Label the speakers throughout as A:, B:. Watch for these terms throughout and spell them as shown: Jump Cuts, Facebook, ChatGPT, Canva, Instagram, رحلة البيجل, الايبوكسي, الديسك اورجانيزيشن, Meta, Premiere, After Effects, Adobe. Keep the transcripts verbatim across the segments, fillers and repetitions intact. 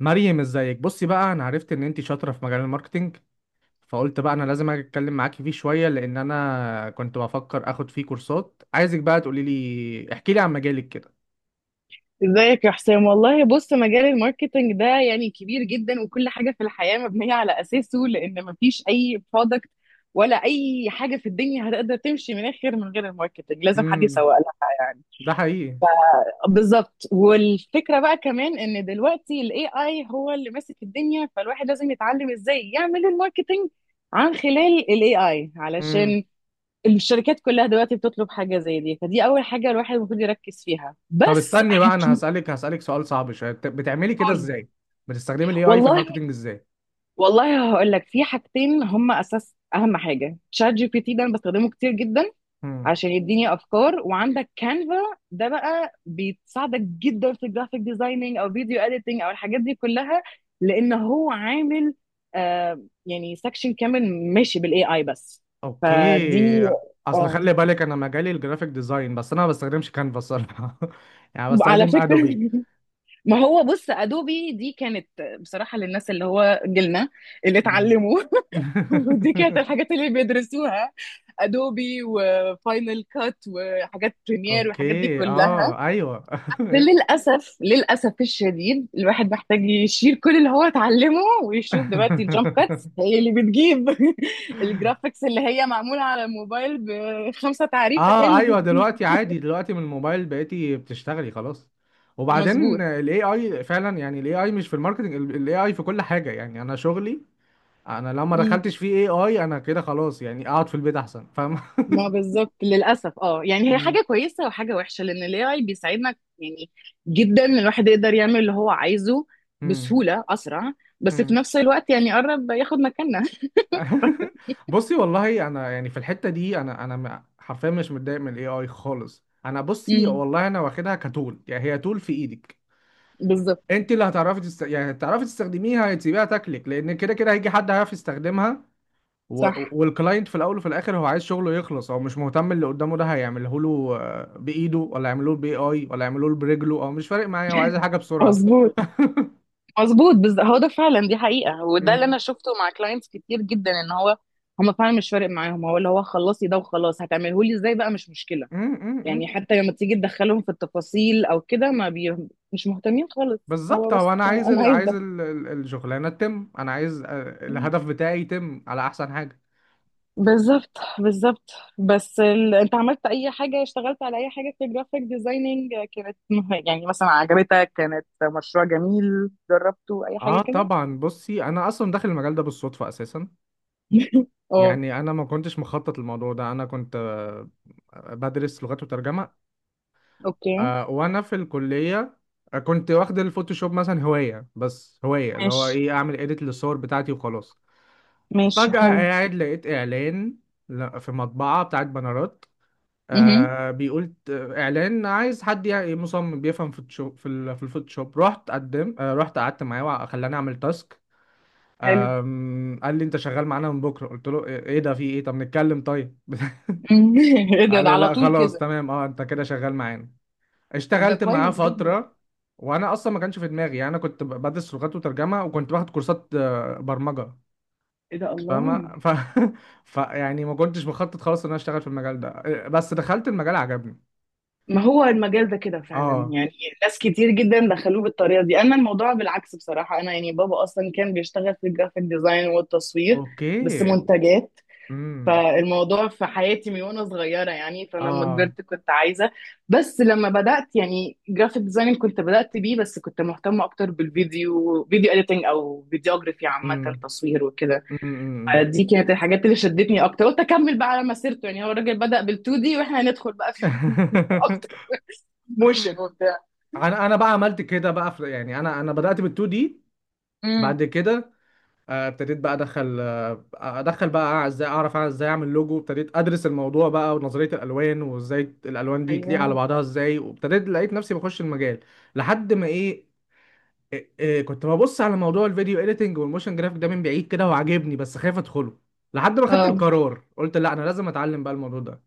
A: مريم، ازيك؟ بصي بقى، انا عرفت ان انت شاطره في مجال الماركتينج، فقلت بقى انا لازم اجي اتكلم معاكي فيه شويه، لان انا كنت بفكر اخد فيه كورسات. عايزك بقى تقولي لي، احكي لي عن مجالك كده.
B: ازيك يا حسام؟ والله بص، مجال الماركتينج ده يعني كبير جدا، وكل حاجة في الحياة مبنية على أساسه، لأن مفيش أي برودكت ولا أي حاجة في الدنيا هتقدر تمشي من آخر من غير الماركتينج. لازم حد
A: امم.
B: يسوق لها. يعني
A: ده حقيقي.
B: بالظبط. والفكرة بقى كمان إن دلوقتي ال A I هو اللي ماسك الدنيا، فالواحد لازم يتعلم إزاي يعمل الماركتينج عن خلال ال A I،
A: امم.
B: علشان الشركات كلها دلوقتي بتطلب حاجة زي دي. فدي أول حاجة الواحد المفروض يركز فيها.
A: طب
B: بس
A: استني بقى، انا
B: هتقول.
A: هسالك هسالك سؤال صعب شويه، بت- بتعملي كده ازاي؟ بتستخدمي الاي اي في
B: والله
A: الماركتينج ازاي؟
B: والله هقول لك، في حاجتين هم اساس. اهم حاجه شات جي بي تي، ده انا بستخدمه كتير جدا
A: امم.
B: عشان يديني افكار. وعندك كانفا، ده بقى بيساعدك جدا في الجرافيك ديزايننج او فيديو اديتنج او الحاجات دي كلها، لان هو عامل آه يعني سكشن كامل ماشي بالاي اي بس. فدي.
A: اوكي. اصل
B: اه،
A: خلي بالك، انا مجالي الجرافيك ديزاين، بس انا ما بستخدمش كانفا الصراحه، يعني
B: على
A: بستخدم
B: فكره.
A: ادوبي.
B: ما هو بص، ادوبي دي كانت، بصراحه، للناس اللي هو جيلنا، اللي
A: مم.
B: اتعلموا. ودي كانت الحاجات اللي بيدرسوها: ادوبي وفاينل كات وحاجات بريمير والحاجات دي
A: اوكي،
B: كلها.
A: اه، ايوه.
B: للاسف للاسف الشديد الواحد محتاج يشيل كل اللي هو اتعلمه، ويشوف دلوقتي الجامب كاتس هي اللي بتجيب الجرافيكس اللي هي معموله على الموبايل بخمسه تعريفه، هي
A: اه
B: اللي.
A: ايوه، دلوقتي عادي، دلوقتي من الموبايل بقيتي بتشتغلي خلاص. وبعدين
B: مظبوط.
A: الاي اي فعلا، يعني الاي اي مش في الماركتنج، الاي اي في كل حاجه، يعني انا شغلي، انا لو ما
B: مم.
A: دخلتش فيه اي اي انا كده خلاص، يعني اقعد في البيت احسن، فاهم؟
B: ما بالظبط، للاسف، اه، يعني هي
A: مم.
B: حاجه كويسه وحاجه وحشه، لان الاي اي بيساعدنا يعني جدا إن الواحد يقدر يعمل اللي هو عايزه
A: مم.
B: بسهوله اسرع، بس في
A: مم.
B: نفس الوقت يعني قرب ياخد مكاننا.
A: بصي والله، انا يعني في الحته دي، انا انا م- حرفيا مش متضايق من الاي اي خالص. انا بصي
B: امم.
A: والله، انا واخدها كتول، يعني هي تول في ايدك.
B: بالظبط.
A: انت اللي هتعرفي تست... يعني هتعرفي تستخدميها، هتسيبيها تاكلك، لان كده كده هيجي حد هيعرف يستخدمها. و...
B: صح.
A: والكلاينت في الاول وفي الاخر هو عايز شغله يخلص، هو مش مهتم اللي قدامه ده هيعمله له آه، بايده ولا يعمله له باي اي ولا يعمله له برجله، او مش فارق معايا، هو عايز الحاجه بسرعه.
B: مظبوط، مظبوط، بالظبط. هو ده فعلا، دي حقيقة، وده اللي
A: امم.
B: انا شفته مع كلاينتس كتير جدا، ان هو، هم فعلا مش فارق معاهم، هو اللي هو خلصي ده وخلاص، هتعمله لي ازاي بقى مش مشكلة. يعني
A: امم.
B: حتى لما تيجي تدخلهم في التفاصيل او كده ما بي... مش مهتمين خالص.
A: بالظبط،
B: هو بس
A: هو انا عايز
B: انا
A: ال...
B: عايز
A: عايز
B: ده.
A: ال... ال- الشغلانه تتم، انا عايز آه، الهدف بتاعي يتم على احسن حاجه.
B: بالظبط، بالظبط. بس ال... انت عملت اي حاجة؟ اشتغلت على اي حاجة في الجرافيك ديزايننج كانت مه- يعني مثلا عجبتك، كانت مشروع جميل جربته، اي
A: اه
B: حاجة كده؟
A: طبعا، بصي انا اصلا داخل المجال ده بالصدفه اساسا.
B: اه.
A: يعني انا ما كنتش مخطط للموضوع ده، انا كنت آه، بدرس لغات وترجمه،
B: اوكي،
A: آه، وانا في الكليه. آه، كنت واخد الفوتوشوب مثلا هوايه، بس هوايه اللي هو
B: ماشي،
A: ايه، اعمل اديت للصور بتاعتي وخلاص.
B: ماشي.
A: فجاه
B: حلو.
A: قاعد لقيت اعلان ل- في مطبعه بتاعت بنرات،
B: امم.
A: آه، بيقول ت- اعلان عايز حد يعني مصمم بيفهم فوتوشوب في ال- في الفوتوشوب. رحت قدم، آه، رحت قعدت معاه وخلاني اعمل تاسك.
B: حلو.
A: أم، قال لي انت شغال معانا من بكره، قلت له ايه؟ إيه ده، في ايه؟ طب نتكلم طيب.
B: مهم. ايه ده
A: قال
B: ده
A: لي
B: على
A: لا
B: طول
A: خلاص
B: كده؟
A: تمام، اه انت كده شغال معانا.
B: طب ده
A: اشتغلت معاه
B: كويس جدا.
A: فترة. وانا اصلا ما كانش في دماغي، يعني انا كنت ب- بدرس لغات وترجمة، وكنت باخد كورسات آه، برمجة،
B: ايه ده،
A: فاهمة؟
B: الله.
A: ف... ف يعني ما كنتش بخطط خالص ان انا اشتغل في المجال ده، آه، بس دخلت المجال عجبني.
B: ما هو المجال ده كده فعلا
A: اه.
B: يعني، ناس كتير جدا دخلوه بالطريقه دي. انا الموضوع بالعكس، بصراحه، انا يعني بابا اصلا كان بيشتغل في الجرافيك ديزاين والتصوير، بس
A: اوكي.
B: منتجات.
A: امم.
B: فالموضوع في حياتي من وانا صغيره يعني، فانا لما
A: اه.
B: كبرت كنت عايزه. بس لما بدات يعني جرافيك ديزايننج، كنت بدات بيه، بس كنت مهتمه اكتر بالفيديو، فيديو اديتنج او فيديوجرافي عامه،
A: امم.
B: تصوير وكده.
A: امم.
B: دي كانت الحاجات اللي شدتني اكتر. قلت اكمل بقى على مسيرته، يعني هو الراجل بدا بال2 دي، واحنا هندخل بقى في اكتر، موشن وبتاع.
A: انا انا بقى عملت كده بقى في... يعني انا انا بدأت بال2 دي. بعد
B: امم.
A: كده آه، ابتديت بقى ادخل، آه، ادخل بقى ازاي اعرف أعمل- ازاي اعمل لوجو. ابتديت ادرس الموضوع بقى ونظريه الالوان، وازاي الالوان دي تليق على
B: ايوه.
A: بعضها ازاي، وابتديت لقيت نفسي بخش المجال، لحد ما ايه، إيه- إيه، كنت ببص على موضوع الفيديو اديتنج والموشن جرافيك ده من بعيد كده وعاجبني بس خايف ادخله، لحد ما خدت
B: اه.
A: القرار قلت لا انا لازم اتعلم بقى الموضوع ده.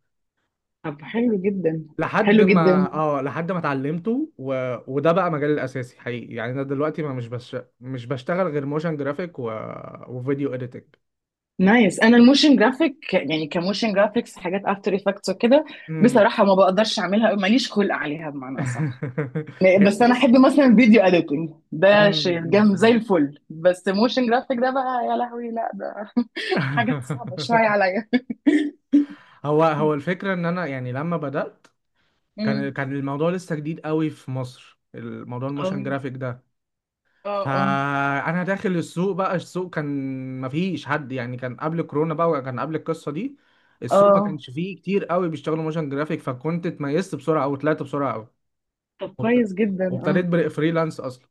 B: طب حلو جدا،
A: لحد
B: حلو جدا.
A: ما اه، لحد ما اتعلمته، و... وده بقى مجالي الاساسي حقيقي. يعني انا دلوقتي ما مش بش... مش بشتغل غير موشن جرافيك و... وفيديو اديتنج.
B: نايس. انا الموشن جرافيك يعني، كموشن جرافيكس، حاجات افتر افكتس وكده، بصراحه ما بقدرش اعملها، ماليش خلق عليها، بمعنى صح.
A: هي-
B: بس انا
A: بص.
B: احب مثلا الفيديو اديتنج،
A: مم،
B: ده شيء
A: مم،
B: جامد زي
A: مم.
B: الفل. بس موشن جرافيك ده بقى، يا لهوي، لا، ده حاجات صعبه شويه عليا.
A: هو هو الفكرة ان انا يعني لما بدأت كان
B: أمم.
A: كان الموضوع لسه جديد قوي في مصر، الموضوع الموشن
B: اه،
A: جرافيك ده.
B: اه، اه،
A: فانا داخل السوق بقى، السوق كان مفيش حد، يعني كان قبل كورونا بقى وكان قبل القصة دي، السوق ما
B: اه.
A: كانش فيه كتير قوي بيشتغلوا موشن جرافيك. فكنت اتميزت بسرعة او طلعت بسرعة قوي.
B: طب
A: وابت-
B: كويس جدا.
A: وابتديت
B: آه.
A: بري- فريلانس اصلا.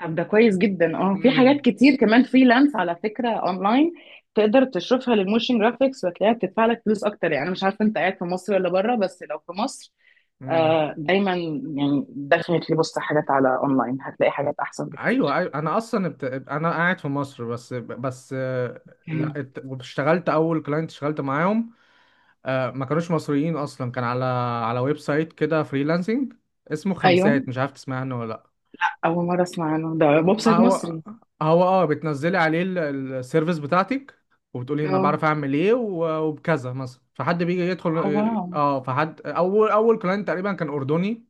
B: طب ده كويس جدا. اه، في
A: مم،
B: حاجات كتير كمان فريلانس على فكره اونلاين تقدر تشوفها للموشن جرافيكس، وتلاقيها بتدفع لك فلوس اكتر يعني. انا مش عارفه انت قاعد في مصر ولا بره، بس لو في مصر،
A: مم.
B: آه دايما، يعني دخلت لي بص، حاجات على اونلاين هتلاقي حاجات احسن بكتير.
A: ايوه ايوه، انا اصلا بت... انا قاعد في مصر بس بس آه، لا
B: مم.
A: ات- اشتغلت اول كلاينت اشتغلت معاهم، آه، ما كانوش مصريين اصلا، كان على على ويب سايت كده فريلانسنج اسمه
B: ايوه،
A: خمسات، مش عارف تسمع عنه ولا لا.
B: اول مره اسمع عنه، ده ويب
A: ما
B: سايت
A: هو،
B: مصري؟
A: هو اه بتنزلي عليه ال- ال- السيرفيس بتاعتك، وبتقولي انا بعرف
B: اه.
A: اعمل ايه و- وبكذا مثلا، فحد بيجي يدخل.
B: آه، واو.
A: اه، فحد اول اول كلاينت تقريبا كان اردني،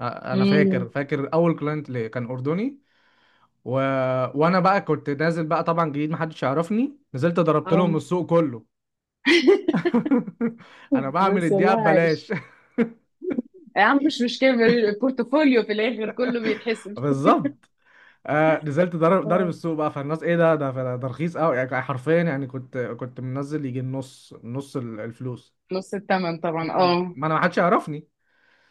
A: آه، انا فاكر
B: امم.
A: فاكر اول كلاينت ليه كان اردني. و... وانا بقى كنت نازل بقى طبعا جديد محدش يعرفني، نزلت ضربت لهم
B: اه.
A: السوق كله. انا بعمل
B: بس
A: الدقيقه
B: والله عايش.
A: ببلاش.
B: يا عم مش مشكله، البورتفوليو في الاخر كله بيتحسب.
A: بالظبط. آه نزلت ضرب ضرب
B: آه.
A: السوق بقى، فالناس ايه ده ده ده ده رخيص قوي، يعني حرفيا. يعني كنت كنت منزل يجي النص، نص ال- الفلوس.
B: نص الثمن طبعا،
A: مم.
B: اه.
A: ما انا، ما حدش يعرفني.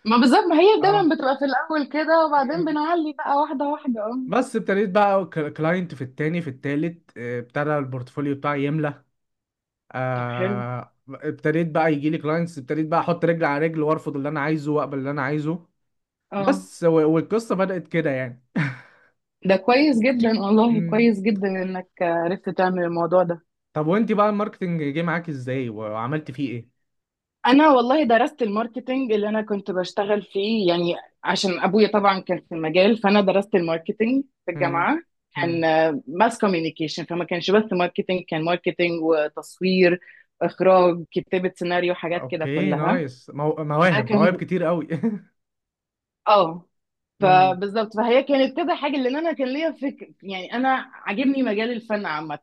B: ما بالظبط، ما هي
A: اه.
B: دايما بتبقى في الأول كده، وبعدين
A: مم.
B: بنعلي بقى، واحدة واحدة، اه.
A: بس ابتديت بقى كلاينت في التاني في التالت، آه، ابتدى البورتفوليو بتاعي يملى.
B: طب حلو.
A: آه، ابتديت بقى يجي لي كلاينتس، ابتديت بقى احط رجل على رجل وارفض اللي انا عايزه واقبل اللي انا عايزه.
B: اه.
A: بس و- والقصه بدات كده يعني.
B: ده كويس جدا، والله
A: مم.
B: كويس جدا انك عرفت تعمل الموضوع ده.
A: طب وانت بقى الماركتنج جه معاك ازاي وعملت فيه ايه؟
B: انا والله درست الماركتينج اللي انا كنت بشتغل فيه يعني، عشان ابويا طبعا كان في المجال، فانا درست الماركتينج في
A: مم.
B: الجامعة. كان
A: مم.
B: ماس كوميونيكيشن، فما كانش بس ماركتينج، كان ماركتينج وتصوير، اخراج، كتابة سيناريو، حاجات كده
A: اوكي
B: كلها.
A: نايس، مو...
B: ده
A: مواهب مواهب
B: كان،
A: كتير قوي.
B: اه،
A: مم.
B: فبالظبط، فهي كانت كده حاجه لان انا كان ليا فكر، يعني انا عاجبني مجال الفن عامه.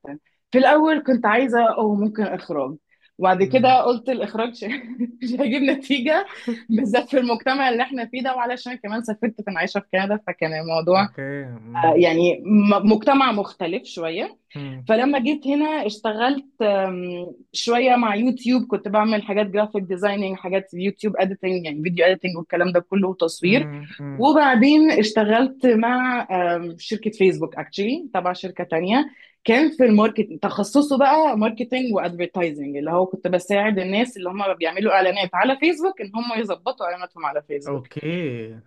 B: في الاول كنت عايزه او ممكن اخراج، وبعد
A: مم.
B: كده قلت الاخراج ش- مش هيجيب نتيجه، بالذات في المجتمع اللي احنا فيه ده. وعلشان كمان سافرت كنت عايشه في كندا، فكان الموضوع،
A: اوكي.
B: آه،
A: مم.
B: يعني م- مجتمع مختلف شويه.
A: مم.
B: فلما جيت هنا اشتغلت آم، شوية مع يوتيوب. كنت بعمل حاجات جرافيك ديزايننج، حاجات يوتيوب اديتنج يعني فيديو اديتنج والكلام ده كله، وتصوير.
A: مم. مم.
B: وبعدين اشتغلت مع آم، شركة فيسبوك اكشلي، تبع شركة تانية. كان في الماركت، تخصصه بقى ماركتنج وادفرتايزنج، اللي هو كنت بساعد الناس اللي هم بيعملوا اعلانات على فيسبوك، ان هم يظبطوا اعلاناتهم على فيسبوك.
A: اوكي.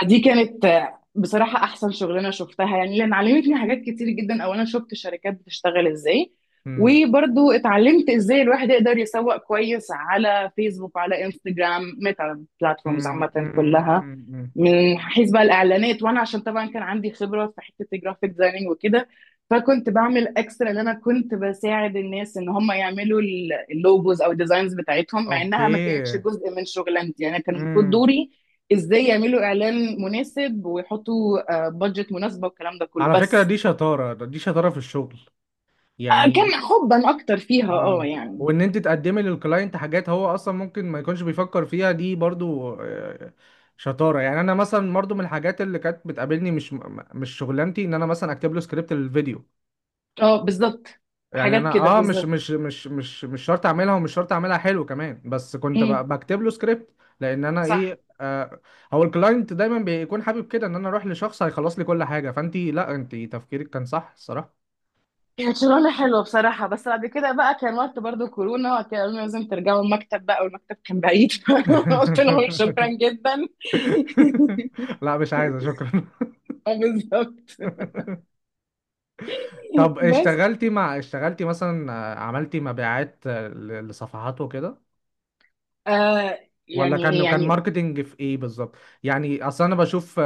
B: فدي كانت، آه، بصراحة، أحسن شغلانة شفتها يعني، لأن علمتني حاجات كتير جدا. أولا شفت الشركات بتشتغل إزاي،
A: مم.
B: وبرضو اتعلمت إزاي الواحد يقدر يسوق كويس على فيسبوك، على انستجرام، ميتا بلاتفورمز
A: مم.
B: عامة
A: مم.
B: كلها،
A: مم. مم.
B: من حيث بقى الإعلانات. وأنا عشان طبعا كان عندي خبرة في حتة الجرافيك ديزايننج وكده، فكنت بعمل اكسترا ان انا كنت بساعد الناس ان هم يعملوا ال- اللوجوز او الديزاينز بتاعتهم، مع انها ما كانتش
A: اوكي.
B: جزء من شغلانتي. يعني كان المفروض
A: مم.
B: دوري ازاي يعملوا اعلان مناسب، ويحطوا بادجت مناسبه، والكلام ده كله.
A: على فكرة،
B: بس
A: دي شطارة، دي شطارة في الشغل
B: آه،
A: يعني.
B: كان حبا اكتر فيها اه
A: اه.
B: يعني.
A: وان انت تقدمي للكلاينت حاجات هو اصلا ممكن ما يكونش بيفكر فيها دي برضو، آه، شطاره. يعني انا مثلا برضو من الحاجات اللي كانت بتقابلني مش م- مش شغلانتي، ان انا مثلا اكتب له سكريبت للفيديو.
B: اه، بالظبط.
A: يعني
B: حاجات
A: انا
B: كده
A: اه مش
B: بالظبط.
A: مش مش مش مش شرط اعملها ومش شرط اعملها حلو كمان، بس كنت
B: امم.
A: ب- بكتب له سكريبت، لان انا
B: صح.
A: ايه آه. هو الكلاينت دايما بيكون حابب كده ان انا اروح لشخص هيخلص لي كل حاجه، فانت لا، انت تفكيرك كان صح الصراحه.
B: كانت شغلانه حلوه بصراحه. بس بعد كده بقى كان وقت برضو كورونا، وكان قالوا لنا لازم ترجعوا المكتب بقى، والمكتب كان بعيد. قلت لهم شكرا جدا.
A: لا مش عايزة شكرا.
B: آه، بالظبط.
A: طب
B: بس
A: اشتغلتي مع اشتغلتي مثلا آه، عملتي مبيعات، آه، ل- لصفحات وكده؟
B: آه
A: ولا
B: يعني إيه،
A: كان كان
B: يعني.
A: ماركتينج في ايه بالظبط؟ يعني اصلا انا بشوف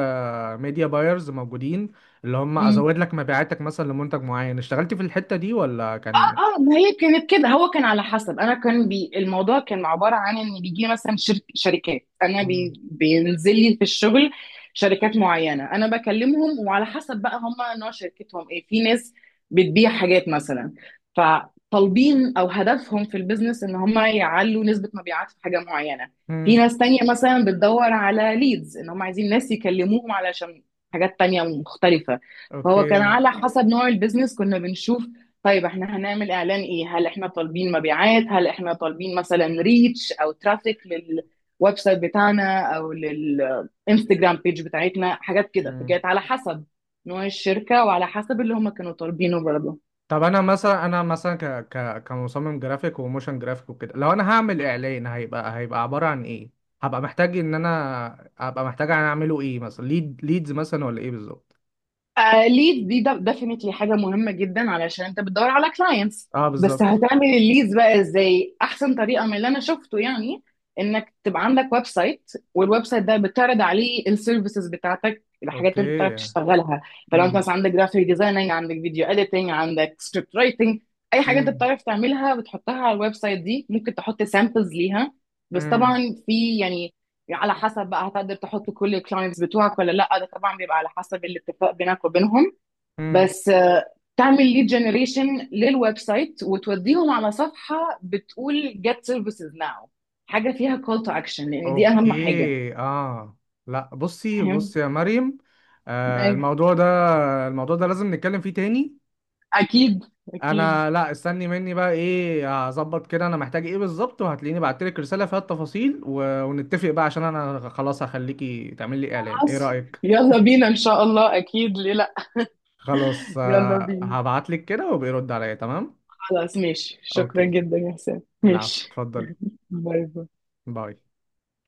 A: ميديا بايرز موجودين اللي هم
B: مم.
A: ازود لك مبيعاتك مثلا لمنتج معين، اشتغلتي في الحتة دي ولا كان؟
B: اه، ما هي كانت كده، هو كان على حسب، انا كان بي الموضوع كان عباره عن ان بيجي لي مثلا شرك شركات، انا بي
A: مم.
B: بينزل لي في الشغل، شركات معينه انا بكلمهم. وعلى حسب بقى هم نوع شركتهم ايه، في ناس بتبيع حاجات مثلا، فطالبين او هدفهم في البيزنس ان هم يعلوا نسبه مبيعات في حاجه معينه. في
A: مم.
B: ناس تانية مثلا بتدور على ليدز، ان هم عايزين ناس يكلموهم علشان حاجات تانية مختلفة. فهو كان
A: اوكي.
B: على حسب نوع البيزنس كنا بنشوف، طيب احنا هنعمل اعلان ايه؟ هل احنا طالبين مبيعات، هل احنا طالبين مثلا ريتش او ترافيك للويب سايت بتاعنا او للانستجرام بيج بتاعتنا، حاجات كده.
A: مم.
B: فكانت على حسب نوع الشركة وعلى حسب اللي هم كانوا طالبينه برضه.
A: طب انا مثلا، انا مثلا ك ك كمصمم جرافيك وموشن جرافيك وكده، لو انا هعمل اعلان، هيبقى هيبقى عبارة عن ايه؟ هبقى محتاج ان انا، هبقى محتاج انا اعمله ايه مثلا، ليد ليدز مثلا ولا ايه بالظبط؟
B: ليد، دي ديفينتلي حاجه مهمه جدا علشان انت بتدور على كلاينتس.
A: اه
B: بس
A: بالظبط.
B: هتعمل الليدز بقى ازاي؟ احسن طريقه من اللي انا شفته يعني، انك تبقى عندك ويب سايت، والويب سايت ده بتعرض عليه السيرفيسز بتاعتك، الحاجات اللي انت بتعرف
A: اوكي.
B: تشتغلها. فلو انت
A: امم.
B: مثلا عندك جرافيك ديزايننج، عندك فيديو اديتنج، عندك سكريبت رايتنج، اي حاجه انت
A: امم.
B: بتعرف تعملها بتحطها على الويب سايت دي. ممكن تحط سامبلز ليها، بس طبعا
A: امم.
B: في يعني يعني على حسب بقى هتقدر تحط كل الكلاينتس بتوعك ولا لا، ده طبعا بيبقى على حسب الاتفاق بينك وبينهم.
A: امم.
B: بس آه، تعمل ليد جنريشن للويب سايت، وتوديهم على صفحة بتقول get services now، حاجة فيها call to action، لأن دي أهم حاجة.
A: اوكي. اه. لا بصي،
B: فاهم؟
A: بصي يا مريم، آه
B: أيوة.
A: الموضوع ده، الموضوع ده لازم نتكلم فيه تاني.
B: أكيد، أكيد.
A: انا، لا استني مني بقى، ايه هظبط كده، انا محتاج ايه بالظبط، وهتلاقيني بعتلك رسالة فيها التفاصيل، و... ونتفق بقى عشان انا خلاص هخليكي تعمل لي اعلان، ايه
B: خلاص،
A: رأيك؟
B: يلا بينا إن شاء الله، أكيد، ليه لأ.
A: خلاص
B: يلا
A: آه،
B: بينا،
A: هبعتلك كده وبيرد عليا، تمام.
B: خلاص، ماشي، شكرا
A: اوكي.
B: جدا يا حسام،
A: العفو،
B: ماشي.
A: اتفضلي.
B: باي باي.
A: باي.